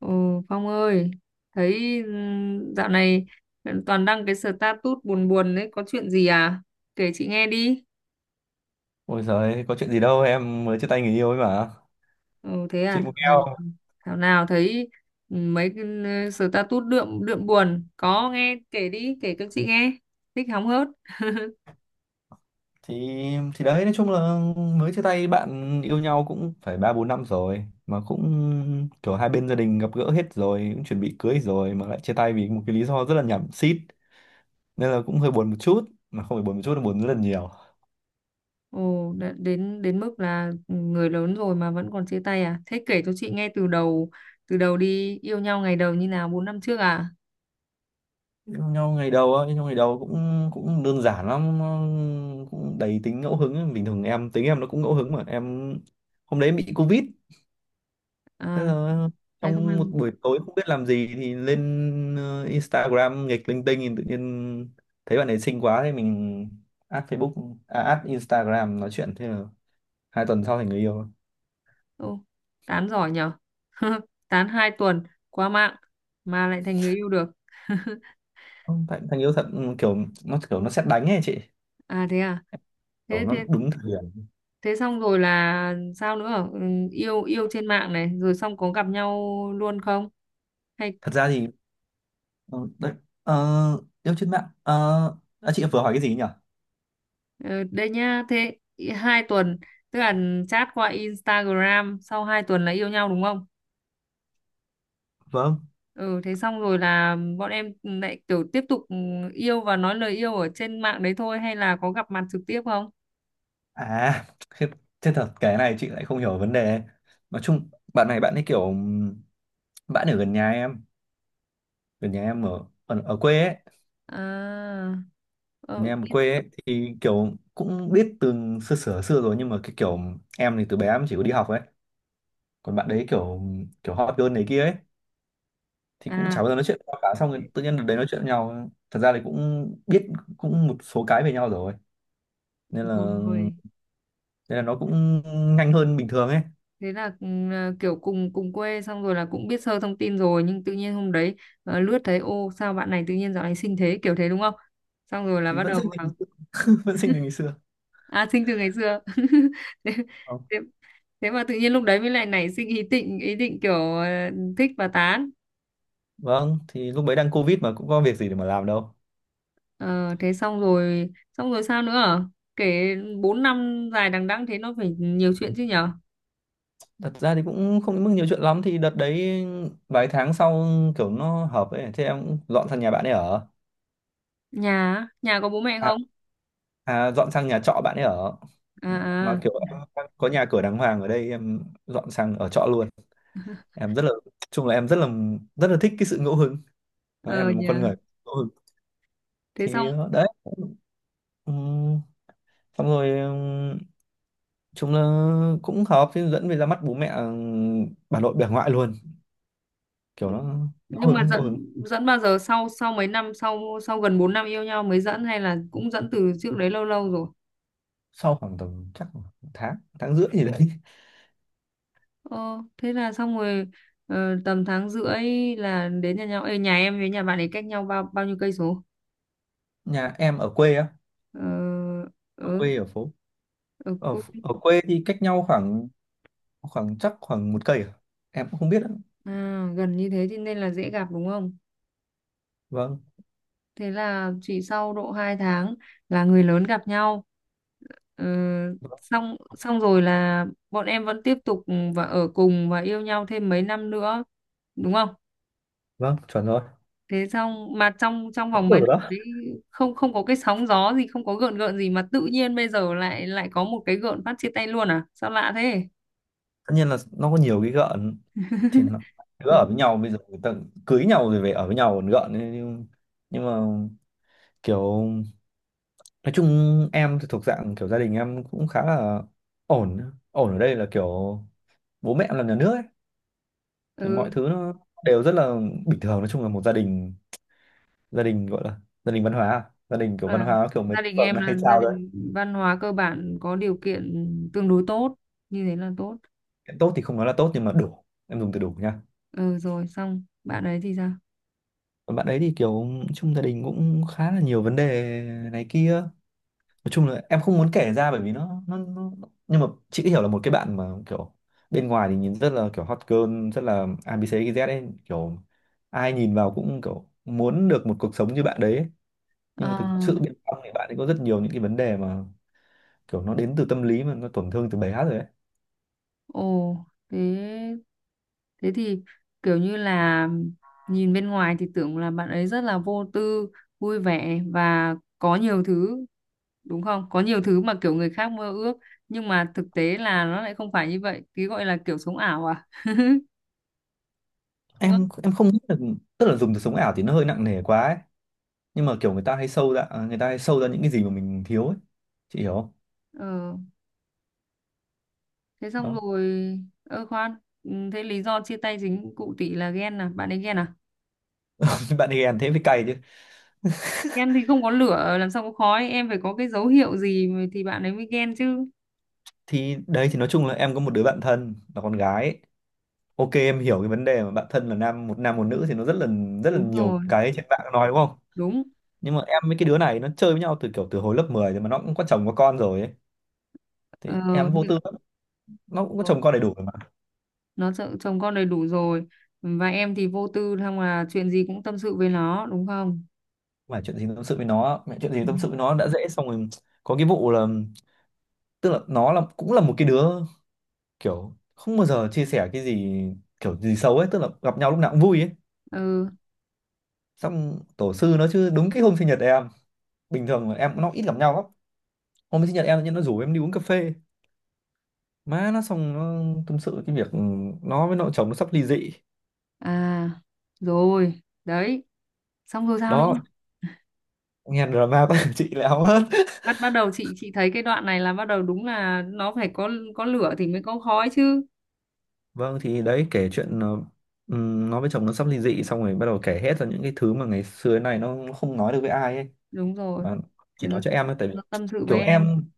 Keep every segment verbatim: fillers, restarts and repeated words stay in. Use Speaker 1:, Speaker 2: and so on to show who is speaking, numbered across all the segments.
Speaker 1: Ừ, Phong ơi, thấy ừm, dạo này toàn đăng cái status buồn buồn đấy, có chuyện gì à? Kể chị nghe đi.
Speaker 2: Ôi giời, có chuyện gì đâu, em mới chia tay người yêu ấy mà.
Speaker 1: Ừ, thế à,
Speaker 2: Chị
Speaker 1: thảo
Speaker 2: muốn nghe
Speaker 1: nào,
Speaker 2: không?
Speaker 1: thảo nào thấy ừm, mấy cái ừ, status đượm đượm buồn, có nghe kể đi, kể cho chị nghe. Thích hóng hớt.
Speaker 2: Thì thì đấy, nói chung là mới chia tay bạn yêu nhau cũng phải ba bốn năm rồi mà cũng kiểu hai bên gia đình gặp gỡ hết rồi, cũng chuẩn bị cưới rồi mà lại chia tay vì một cái lý do rất là nhảm xít. Nên là cũng hơi buồn một chút, mà không phải buồn một chút là buồn rất là nhiều.
Speaker 1: Ồ, đã- đến đến mức là người lớn rồi mà vẫn còn chia tay à? Thế kể cho chị nghe từ đầu, từ đầu đi, yêu nhau ngày đầu như nào, bốn năm trước à?
Speaker 2: Yêu nhau ngày đầu á, yêu nhau ngày đầu cũng cũng đơn giản lắm, nó cũng đầy tính ngẫu hứng, bình thường em tính em nó cũng ngẫu hứng mà em hôm đấy em bị Covid. Thế
Speaker 1: À,
Speaker 2: là
Speaker 1: hai không hai.
Speaker 2: trong một buổi tối không biết làm gì thì lên ờ, Instagram nghịch linh tinh thì tự nhiên thấy bạn ấy xinh quá thì mình add Facebook à, add Instagram nói chuyện, thế là hai tuần sau thành người yêu.
Speaker 1: Ô, tán giỏi nhở. Tán hai tuần qua mạng mà lại thành người yêu được.
Speaker 2: Ừ, thành, thành yêu thật, ừ, kiểu nó kiểu nó sét đánh ấy chị,
Speaker 1: À, thế à?
Speaker 2: kiểu
Speaker 1: thế
Speaker 2: nó
Speaker 1: thế
Speaker 2: đúng thời điểm.
Speaker 1: thế xong rồi là sao nữa? ừ, yêu yêu trên mạng này rồi xong có gặp nhau luôn không hay
Speaker 2: Thật ra thì ờ, đấy, ờ, yêu trên mạng, ờ, à, chị vừa hỏi cái gì nhỉ?
Speaker 1: ờ, đây nhá? Thế i- hai tuần tức là chat qua Instagram sau hai tuần là yêu nhau đúng không?
Speaker 2: Vâng.
Speaker 1: Ừ, thế xong rồi là bọn em lại kiểu tiếp tục yêu và nói lời yêu ở trên mạng đấy thôi hay là có gặp mặt trực tiếp không?
Speaker 2: À, thế, thế thật cái này chị lại không hiểu vấn đề. Nói chung bạn này bạn ấy kiểu bạn ở gần nhà em, ở nhà em ở ở, ở quê ấy.
Speaker 1: À,
Speaker 2: Ở nhà
Speaker 1: ờ,
Speaker 2: em ở
Speaker 1: thế-
Speaker 2: quê ấy thì kiểu cũng biết từ xưa xưa xưa rồi, nhưng mà cái kiểu em thì từ bé em chỉ có đi học ấy, còn bạn đấy kiểu kiểu hot girl này kia ấy, thì cũng
Speaker 1: à,
Speaker 2: chả bao giờ nói chuyện qua cả. Xong rồi tự nhiên đợt đấy nói chuyện với nhau, thật ra thì cũng biết cũng một số cái về nhau rồi, nên là
Speaker 1: rồi.
Speaker 2: nên là nó cũng nhanh hơn bình thường ấy.
Speaker 1: Thế là ừ, là kiểu cùng cùng quê xong rồi là cũng biết sơ thông tin rồi nhưng tự nhiên hôm đấy ờ, lướt thấy ô sao bạn này tự nhiên dạo này xinh thế, kiểu thế đúng không? Xong rồi là
Speaker 2: Thì
Speaker 1: bắt
Speaker 2: vẫn
Speaker 1: đầu
Speaker 2: sinh tình,
Speaker 1: vào.
Speaker 2: vẫn sinh tình ngày xưa.
Speaker 1: À, xinh từ ngày xưa. thế,
Speaker 2: Ờ,
Speaker 1: thế, thế mà tự nhiên lúc đấy mới lại nảy sinh ý định, ý định kiểu ờ, thích và tán.
Speaker 2: vâng, thì lúc đấy đang Covid mà cũng có việc gì để mà làm đâu.
Speaker 1: Ờ, thế xong rồi, xong rồi sao nữa? À? Kể bốn năm dài đằng đẵng thế nó phải nhiều chuyện chứ nhở.
Speaker 2: Thật ra thì cũng không đến mức nhiều chuyện lắm. Thì đợt đấy vài tháng sau kiểu nó hợp ấy, thế em cũng dọn sang nhà bạn ấy ở.
Speaker 1: Nhà á? Nhà có bố mẹ
Speaker 2: À,
Speaker 1: không?
Speaker 2: à, dọn sang nhà trọ bạn ấy ở,
Speaker 1: À,
Speaker 2: mà
Speaker 1: à.
Speaker 2: kiểu em đang có nhà cửa đàng hoàng ở đây em dọn sang ở trọ luôn. Em rất là, chung là em rất là, rất là thích cái sự ngẫu hứng. Nói em
Speaker 1: Ờ
Speaker 2: là một con
Speaker 1: nhà
Speaker 2: người ngẫu hứng.
Speaker 1: Thế xong
Speaker 2: Thì ờ, đấy, Ừm, xong rồi, ừm, chúng là cũng hợp thì dẫn về ra mắt bố mẹ, ừm, bà nội bà ngoại luôn, kiểu nó ngẫu
Speaker 1: nhưng mà
Speaker 2: hứng ngẫu hứng.
Speaker 1: dẫn dẫn bao giờ? Sau sau mấy năm sau, sau gần bốn năm yêu nhau mới dẫn hay là cũng dẫn từ trước đấy lâu lâu rồi?
Speaker 2: Sau khoảng tầm chắc một tháng, tháng rưỡi gì đấy.
Speaker 1: ờ, Thế là xong rồi. Ờ, tầm tháng rưỡi là đến nhà nhau. Ê, nhà em với nhà bạn ấy cách nhau bao bao nhiêu cây số?
Speaker 2: Nhà em ở quê á,
Speaker 1: ờ,
Speaker 2: ở
Speaker 1: ở
Speaker 2: quê ở phố,
Speaker 1: ở
Speaker 2: ở
Speaker 1: cuối.
Speaker 2: ở quê thì cách nhau khoảng, khoảng chắc khoảng một cây à? Em cũng không biết ạ.
Speaker 1: À, gần như thế thì nên là dễ gặp đúng không?
Speaker 2: Vâng.
Speaker 1: Thế là chỉ sau độ hai tháng là người lớn gặp nhau. Ờ,
Speaker 2: Vâng.
Speaker 1: xong xong rồi là bọn em vẫn tiếp tục ừ, và ở cùng và yêu nhau thêm mấy năm nữa, đúng không?
Speaker 2: Vâng, chuẩn rồi.
Speaker 1: Thế xong mà trong trong
Speaker 2: Đúng
Speaker 1: vòng mấy
Speaker 2: rồi
Speaker 1: năm
Speaker 2: đó.
Speaker 1: đấy không không có cái sóng gió gì, không có gợn gợn gì mà tự nhiên bây giờ lại lại có một cái gợn phát chia tay luôn à? Sao lạ thế?
Speaker 2: Tất nhiên là nó có nhiều cái gợn, thì nó đứa ở với nhau bây giờ người ta cưới nhau rồi về ở với nhau còn gợn ấy, nhưng, nhưng mà kiểu, nói chung em thì thuộc dạng kiểu gia đình em cũng khá là ổn. Ổn ở đây là kiểu bố mẹ em làm nhà nước ấy, thì mọi
Speaker 1: Ừ,
Speaker 2: thứ nó đều rất là bình thường. Nói chung là một gia đình, gia đình gọi là gia đình văn hóa à? Gia đình kiểu văn
Speaker 1: à,
Speaker 2: hóa kiểu mấy
Speaker 1: gia đình
Speaker 2: phường
Speaker 1: em
Speaker 2: nó
Speaker 1: là
Speaker 2: hay
Speaker 1: gia
Speaker 2: trao đấy.
Speaker 1: đình văn hóa cơ bản có điều kiện tương đối tốt, như thế là tốt.
Speaker 2: Tốt thì không nói là tốt nhưng mà đủ, em dùng từ đủ nha.
Speaker 1: Ừ, rồi, xong bạn ấy thì sao?
Speaker 2: Còn bạn ấy thì kiểu chung gia đình cũng khá là nhiều vấn đề này kia. Nói chung là em không muốn kể ra bởi vì nó nó, nó... nhưng mà chị hiểu là một cái bạn mà kiểu bên ngoài thì nhìn rất là kiểu hot girl rất là a bê xê dét ấy, kiểu ai nhìn vào cũng kiểu muốn được một cuộc sống như bạn đấy ấy.
Speaker 1: Ờ
Speaker 2: Nhưng mà thực sự bên trong thì bạn ấy có rất nhiều những cái vấn đề mà kiểu nó đến từ tâm lý mà nó tổn thương từ bé hát rồi ấy.
Speaker 1: ồ Thế thế thì kiểu như là nhìn bên ngoài thì tưởng là bạn ấy rất là vô tư, vui vẻ và có nhiều thứ, đúng không? Có nhiều thứ mà kiểu người khác mơ ước, nhưng mà thực tế là nó lại không phải như vậy. Cái gọi là kiểu sống ảo à, đúng không?
Speaker 2: Em em không nghĩ là, tức là dùng từ sống ảo thì nó hơi nặng nề quá ấy. Nhưng mà kiểu người ta hay sâu ra, à, người ta hay sâu ra những cái gì mà mình thiếu ấy, chị hiểu không?
Speaker 1: ờ Thế xong
Speaker 2: Đó.
Speaker 1: rồi. Ơ khoan, ừ, thế lý do chia tay chính cụ tỷ là ghen à? Bạn ấy ghen à?
Speaker 2: Bạn ấy ghen thế mới cay chứ.
Speaker 1: Ghen thì không có lửa làm sao có khói, em phải có cái dấu hiệu gì thì bạn ấy mới ghen chứ.
Speaker 2: Thì đấy, thì nói chung là em có một đứa bạn thân là con gái ấy. Ok, em hiểu cái vấn đề mà bạn thân là nam, một nam một nữ thì nó rất là rất là
Speaker 1: Đúng rồi.
Speaker 2: nhiều cái trên mạng nói đúng không.
Speaker 1: Đúng.
Speaker 2: Nhưng mà em với cái đứa này nó chơi với nhau từ kiểu từ hồi lớp mười rồi, mà nó cũng có chồng có con rồi ấy, thì
Speaker 1: ờ,
Speaker 2: em vô
Speaker 1: những
Speaker 2: tư lắm. Nó cũng có chồng con đầy đủ rồi mà
Speaker 1: nó sợ chồng con đầy đủ rồi và em thì vô tư xong là chuyện gì cũng tâm sự với nó, đúng không?
Speaker 2: mà chuyện gì tâm sự với nó, mẹ, chuyện gì tâm sự với nó đã dễ. Xong rồi có cái vụ là, tức là nó là cũng là một cái đứa kiểu không bao giờ chia sẻ cái gì kiểu gì xấu ấy, tức là gặp nhau lúc nào cũng vui ấy.
Speaker 1: Ừ.
Speaker 2: Xong tổ sư nó chứ, đúng cái hôm sinh nhật em, bình thường là em nó ít gặp nhau lắm, hôm sinh nhật em tự nhiên nó rủ em đi uống cà phê. Má nó, xong nó tâm sự cái việc nó với nội chồng nó sắp ly dị.
Speaker 1: À, rồi đấy, xong rồi sao nữa?
Speaker 2: Đó, nghe drama của, chị lại hóng hết.
Speaker 1: Bắt bắt đầu, chị chị thấy cái đoạn này là bắt đầu, đúng là nó phải có có lửa thì mới có khói chứ.
Speaker 2: Vâng, thì đấy kể chuyện, ờ, ừm, nó với chồng nó sắp ly dị, xong rồi bắt đầu kể hết ra những cái thứ mà ngày xưa này nó không nói được với ai ấy,
Speaker 1: Đúng rồi.
Speaker 2: mà
Speaker 1: Thì
Speaker 2: chỉ
Speaker 1: nó,
Speaker 2: nói cho em thôi, tại vì
Speaker 1: nó tâm sự với
Speaker 2: kiểu
Speaker 1: em.
Speaker 2: em,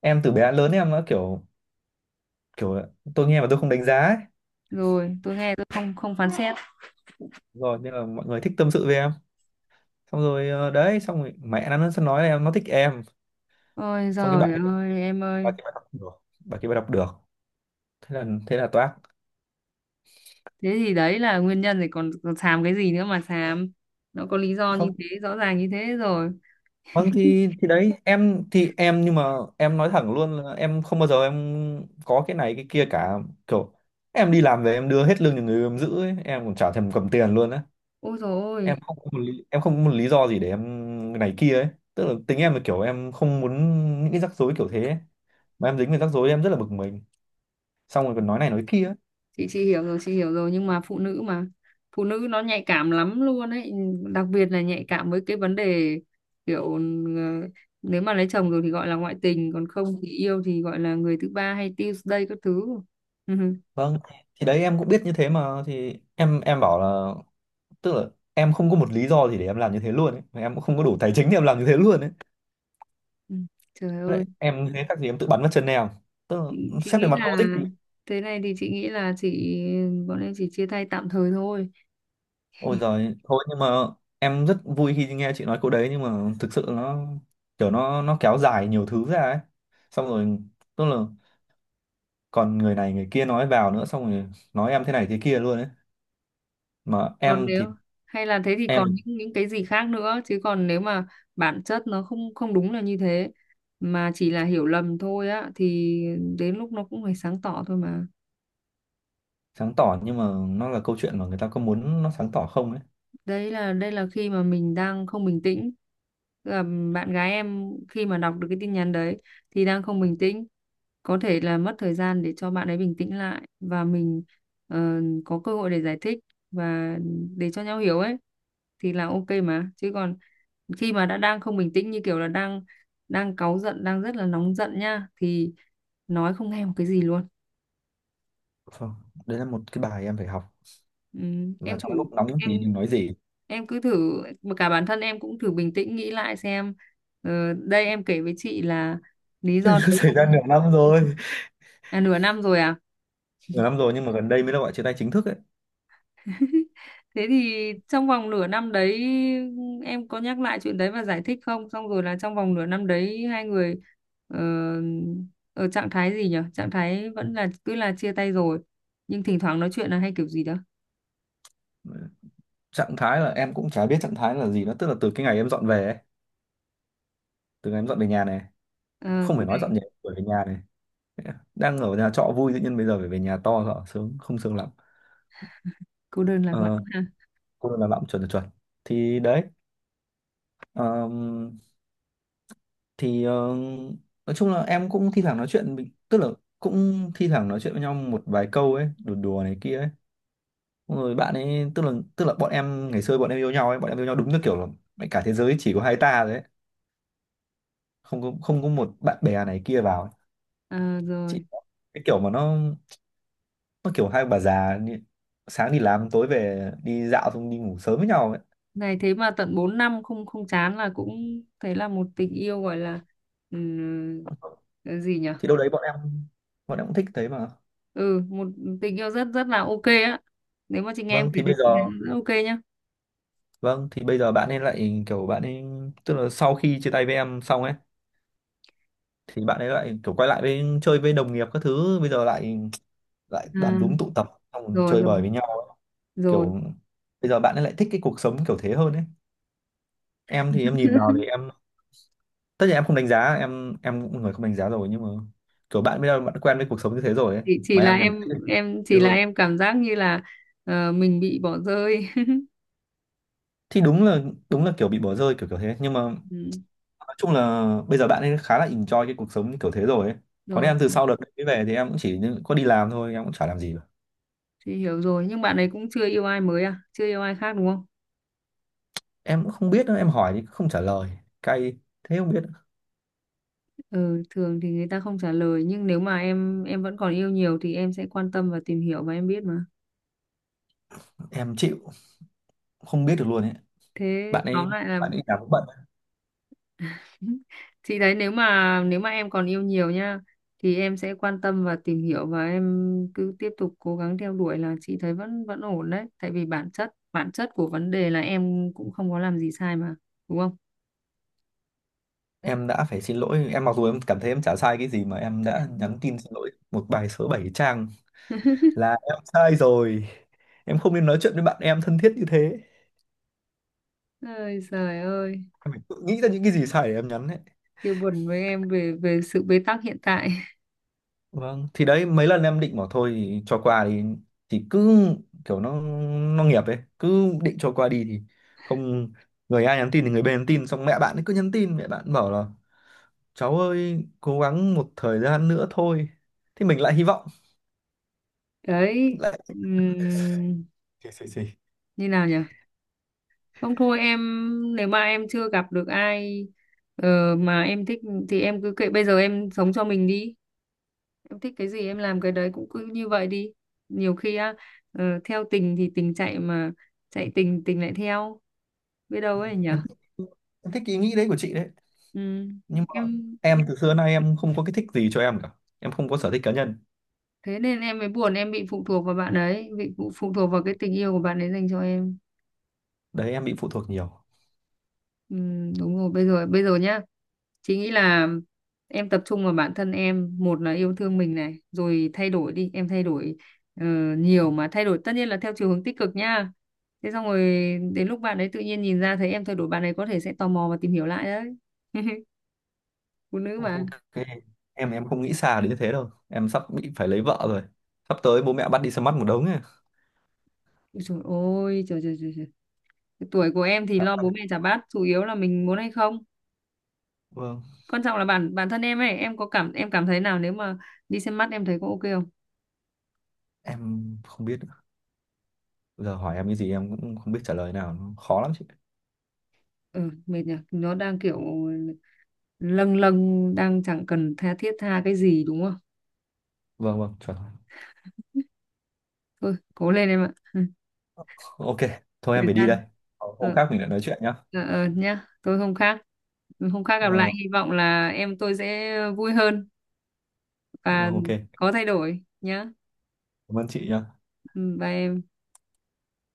Speaker 2: em từ bé đến lớn em nó kiểu, kiểu tôi nghe mà tôi không đánh giá ấy.
Speaker 1: Rồi, tôi nghe, tôi không không phán xét.
Speaker 2: Rồi nên là mọi người thích tâm sự với em. Xong rồi ờ, đấy, xong rồi mẹ nó nó nói là em nó thích em.
Speaker 1: Ôi
Speaker 2: Xong cái bà
Speaker 1: giời
Speaker 2: kia,
Speaker 1: ơi em
Speaker 2: bà
Speaker 1: ơi.
Speaker 2: kia bà đọc được, bà kia bà đọc được thế là thế là toác.
Speaker 1: Thế thì đấy là nguyên nhân rồi, còn, còn xàm cái gì nữa mà xàm. Nó có lý do như
Speaker 2: Không,
Speaker 1: thế, rõ ràng như thế rồi.
Speaker 2: vâng, thì thì đấy em thì em, nhưng mà em nói thẳng luôn là em không bao giờ em có cái này cái kia cả, kiểu em đi làm về em đưa hết lương cho người em giữ ấy. Em còn chả thèm cầm tiền luôn á.
Speaker 1: Ôi dồi
Speaker 2: Em
Speaker 1: ôi.
Speaker 2: không có một lý, em không có một lý do gì để em này kia ấy. Tức là tính em là kiểu em không muốn những cái rắc rối kiểu thế ấy. Mà em dính về rắc rối em rất là bực mình, xong rồi còn nói này nói kia ấy.
Speaker 1: Chị chị hiểu rồi, chị hiểu rồi, nhưng mà phụ nữ mà. Phụ nữ nó nhạy cảm lắm luôn ấy, đặc biệt là nhạy cảm với cái vấn đề kiểu ờ, nếu mà lấy chồng rồi thì gọi là ngoại tình, còn không thì yêu thì gọi là người thứ ba hay Tuesday các thứ. Ừ,
Speaker 2: Vâng, thì đấy em cũng biết như thế mà, thì em em bảo là, tức là em không có một lý do gì để em làm như thế luôn ấy. Mà em cũng không có đủ tài chính để em làm như thế luôn ấy.
Speaker 1: ừ. Trời ơi.
Speaker 2: Thế em như thế khác gì em tự bắn vào chân em, tức
Speaker 1: chị,
Speaker 2: là
Speaker 1: chị
Speaker 2: xét về
Speaker 1: nghĩ
Speaker 2: mặt
Speaker 1: là
Speaker 2: logic thì.
Speaker 1: thế này, thì chị nghĩ là chị bọn em chỉ chia tay tạm thời thôi.
Speaker 2: Ôi giời, thôi, nhưng mà em rất vui khi nghe chị nói câu đấy, nhưng mà thực sự nó kiểu nó nó kéo dài nhiều thứ ra ấy. Xong rồi tức là còn người này người kia nói vào nữa, xong rồi nói em thế này thế kia luôn ấy. Mà
Speaker 1: Còn
Speaker 2: em thì
Speaker 1: nếu, hay là thế thì còn
Speaker 2: em
Speaker 1: những những cái gì khác nữa chứ, còn nếu mà bản chất nó không không đúng là như thế mà chỉ là hiểu lầm thôi á thì đến lúc nó cũng phải sáng tỏ thôi mà.
Speaker 2: sáng tỏ, nhưng mà nó là câu chuyện mà người ta có muốn nó sáng tỏ không ấy.
Speaker 1: Đấy là Đây là khi mà mình đang không bình tĩnh. Tức là bạn gái em khi mà đọc được cái tin nhắn đấy thì đang không bình tĩnh, có thể là mất thời gian để cho bạn ấy bình tĩnh lại và mình ờ, có cơ hội để giải thích và để cho nhau hiểu ấy, thì là ok mà, chứ còn khi mà đã đang không bình tĩnh, như kiểu là đang đang cáu giận, đang rất là nóng giận nha, thì nói không nghe một cái gì luôn.
Speaker 2: Vâng, đấy là một cái bài em phải học,
Speaker 1: ừ,
Speaker 2: là
Speaker 1: em thử,
Speaker 2: trong lúc nắm
Speaker 1: em
Speaker 2: gì thì nói gì.
Speaker 1: em cứ thử mà, cả bản thân em cũng thử bình tĩnh nghĩ lại xem ờ, đây em kể với chị là lý
Speaker 2: Nó
Speaker 1: do đấy
Speaker 2: xảy
Speaker 1: không.
Speaker 2: ra nửa năm rồi.
Speaker 1: À, nửa năm rồi à?
Speaker 2: Nửa năm rồi nhưng mà gần đây mới là gọi chia tay chính thức ấy.
Speaker 1: Thế thì trong vòng nửa năm đấy em có nhắc lại chuyện đấy và giải thích không? Xong rồi là trong vòng nửa năm đấy hai người ờ, ở trạng thái gì nhỉ? Trạng thái vẫn là cứ là chia tay rồi nhưng thỉnh thoảng nói chuyện là hay kiểu gì đó.
Speaker 2: Trạng thái là em cũng chả biết trạng thái là gì nữa, tức là từ cái ngày em dọn về ấy, từ ngày em dọn về nhà này,
Speaker 1: Ờ,
Speaker 2: không
Speaker 1: thế
Speaker 2: phải nói
Speaker 1: này
Speaker 2: dọn nhà phải về nhà này, đang ở nhà trọ vui tự nhiên bây giờ phải về nhà to rõ sướng không sướng lắm.
Speaker 1: cô đơn lạc
Speaker 2: Ờ,
Speaker 1: lõng ha.
Speaker 2: cô làm lắm, chuẩn là chuẩn. Thì đấy, ờm, thì, ờ, nói chung là em cũng thi thoảng nói chuyện bình- tức là cũng thi thoảng nói chuyện với nhau một vài câu ấy, đùa đùa này kia ấy. Xong rồi bạn ấy tức là tức là bọn em ngày xưa bọn em yêu nhau ấy bọn em yêu nhau đúng như kiểu là mẹ cả thế giới chỉ có hai ta đấy, không có không có một bạn bè này kia vào ấy.
Speaker 1: Ờ,
Speaker 2: Chị
Speaker 1: rồi.
Speaker 2: có cái kiểu mà nó nó kiểu hai bà già đi, sáng đi làm tối về đi dạo xong đi ngủ sớm với nhau ấy.
Speaker 1: Này, thế mà tận bốn năm không không chán là cũng thấy là một tình yêu gọi là ừm, cái gì nhỉ?
Speaker 2: Thì đâu đấy bọn em bọn em cũng thích thế mà.
Speaker 1: Ừ, một tình yêu rất rất là ok á. Nếu mà chị nghe em
Speaker 2: Vâng
Speaker 1: kể
Speaker 2: thì
Speaker 1: thì
Speaker 2: bây giờ,
Speaker 1: chị thấy rất ok nhá.
Speaker 2: vâng thì bây giờ bạn ấy lại kiểu bạn ấy, tức là sau khi chia tay với em xong ấy, thì bạn ấy lại kiểu quay lại với chơi với đồng nghiệp các thứ, bây giờ lại lại
Speaker 1: Ờ.
Speaker 2: đàn đúm tụ tập, xong rồi
Speaker 1: Rồi,
Speaker 2: chơi
Speaker 1: rồi,
Speaker 2: bời với nhau,
Speaker 1: rồi.
Speaker 2: kiểu bây giờ bạn ấy lại thích cái cuộc sống kiểu thế hơn ấy. Em thì em nhìn vào thì em, tất nhiên em không đánh giá, em em cũng là người không đánh giá rồi, nhưng mà kiểu bạn bây giờ bạn quen với cuộc sống như thế rồi ấy.
Speaker 1: chỉ chỉ
Speaker 2: Mà
Speaker 1: là
Speaker 2: em nhầm
Speaker 1: em em chỉ
Speaker 2: nhiều
Speaker 1: là
Speaker 2: hơn,
Speaker 1: em cảm giác như là ờ, mình bị bỏ rơi.
Speaker 2: thì đúng là, đúng là kiểu bị bỏ rơi kiểu kiểu thế, nhưng mà
Speaker 1: Ừ,
Speaker 2: nói chung là bây giờ bạn ấy khá là enjoy cái cuộc sống kiểu thế rồi ấy. Còn
Speaker 1: rồi,
Speaker 2: em từ sau đợt đấy về thì em cũng chỉ như- có đi làm thôi, em cũng chả làm gì cả.
Speaker 1: chị hiểu rồi, nhưng bạn ấy cũng chưa yêu ai mới à? Chưa yêu ai khác đúng không?
Speaker 2: Em cũng không biết nữa, em hỏi thì không trả lời. Cay, thế không biết.
Speaker 1: Ừ, thường thì người ta không trả lời, nhưng nếu mà em em vẫn còn yêu nhiều thì em sẽ quan tâm và tìm hiểu và em biết mà.
Speaker 2: Em chịu, không biết được luôn ấy.
Speaker 1: Thế
Speaker 2: bạn ấy
Speaker 1: tóm lại là...
Speaker 2: bạn ấy làm cũng bận.
Speaker 1: Thì đấy, nếu mà nếu mà em còn yêu nhiều nhá thì em sẽ quan tâm và tìm hiểu, và em cứ tiếp tục cố gắng theo đuổi là chị thấy vẫn vẫn ổn đấy, tại vì bản chất bản chất của vấn đề là em cũng không có làm gì sai mà, đúng không?
Speaker 2: Em đã phải xin lỗi em mặc dù em cảm thấy em chả sai cái gì, mà em đã nhắn tin xin lỗi một bài số bảy trang là em sai rồi, em không nên nói chuyện với bạn em thân thiết như thế.
Speaker 1: Ơi trời ơi.
Speaker 2: Em phải tự nghĩ ra những cái gì sai để em nhắn ấy.
Speaker 1: Kêu buồn với em về về sự bế tắc hiện tại.
Speaker 2: Vâng, thì đấy mấy lần em định bảo thôi thì cho qua, thì thì cứ kiểu nó nó nghiệp ấy, cứ định cho qua đi thì không, người A nhắn tin thì người B nhắn tin, xong mẹ bạn ấy cứ nhắn tin, mẹ bạn bảo là cháu ơi cố gắng một thời gian nữa thôi. Thì mình lại hy vọng
Speaker 1: Đấy,
Speaker 2: lại
Speaker 1: ừm,
Speaker 2: xì, xì, xì.
Speaker 1: như nào nhỉ? Không thôi em, nếu mà em chưa gặp được ai ờ, mà em thích thì em cứ kệ, bây giờ em sống cho mình đi, em thích cái gì em làm cái đấy, cũng cứ như vậy đi. Nhiều khi á, ờ, theo tình thì tình chạy mà, chạy tình tình lại theo, biết
Speaker 2: Ừ,
Speaker 1: đâu ấy nhở.
Speaker 2: em thích, em thích ý nghĩ đấy của chị đấy,
Speaker 1: Ừ.
Speaker 2: nhưng mà
Speaker 1: em
Speaker 2: em từ xưa nay em không có cái thích gì cho em cả. Em không có sở thích cá nhân.
Speaker 1: Thế nên em mới buồn, em bị phụ thuộc vào bạn ấy, bị phụ phụ thuộc vào cái tình yêu của bạn ấy dành cho em.
Speaker 2: Đấy em bị phụ thuộc nhiều.
Speaker 1: Ừ, đúng rồi. Bây giờ, bây giờ nhá, chị nghĩ là em tập trung vào bản thân em, một là yêu thương mình này, rồi thay đổi đi, em thay đổi ờ, nhiều mà, thay đổi tất nhiên là theo chiều hướng tích cực nha. Thế xong rồi đến lúc bạn ấy tự nhiên nhìn ra thấy em thay đổi, bạn ấy có thể sẽ tò mò và tìm hiểu lại đấy. Phụ nữ
Speaker 2: Ok.
Speaker 1: mà.
Speaker 2: Em em không nghĩ xa đến như thế đâu. Em sắp bị phải lấy vợ rồi. Sắp tới bố mẹ bắt đi xem mắt một đống ấy.
Speaker 1: Ôi trời ơi, trời, trời, trời, trời. Cái tuổi của em thì
Speaker 2: Dạ,
Speaker 1: lo
Speaker 2: dạ.
Speaker 1: bố mẹ chả bắt, chủ yếu là mình muốn hay không.
Speaker 2: Vâng.
Speaker 1: Quan trọng là bản bản thân em ấy, em có cảm, em cảm thấy nào nếu mà đi xem mắt em thấy có ok không?
Speaker 2: Em không biết nữa. Giờ hỏi em cái gì em cũng không biết trả lời nào. Nó khó lắm chị.
Speaker 1: Ừ, mệt nhỉ. Nó đang kiểu lâng lâng, đang chẳng cần tha thiết tha cái gì, đúng không?
Speaker 2: Vâng vâng. Chuẩn.
Speaker 1: Thôi cố lên em ạ. Ừ,
Speaker 2: Ok. Thôi em
Speaker 1: thời
Speaker 2: phải đi đây.
Speaker 1: gian.
Speaker 2: Hôm
Speaker 1: ờ,
Speaker 2: khác mình lại nói chuyện nhá.
Speaker 1: ờ, ờ, nhá, tôi không khác không khác gặp lại,
Speaker 2: Vâng.
Speaker 1: hy vọng là em tôi sẽ vui hơn
Speaker 2: Vâng,
Speaker 1: và
Speaker 2: vâng, ok.
Speaker 1: có thay đổi nhá.
Speaker 2: Cảm ơn chị nhá.
Speaker 1: Ừ, bye em.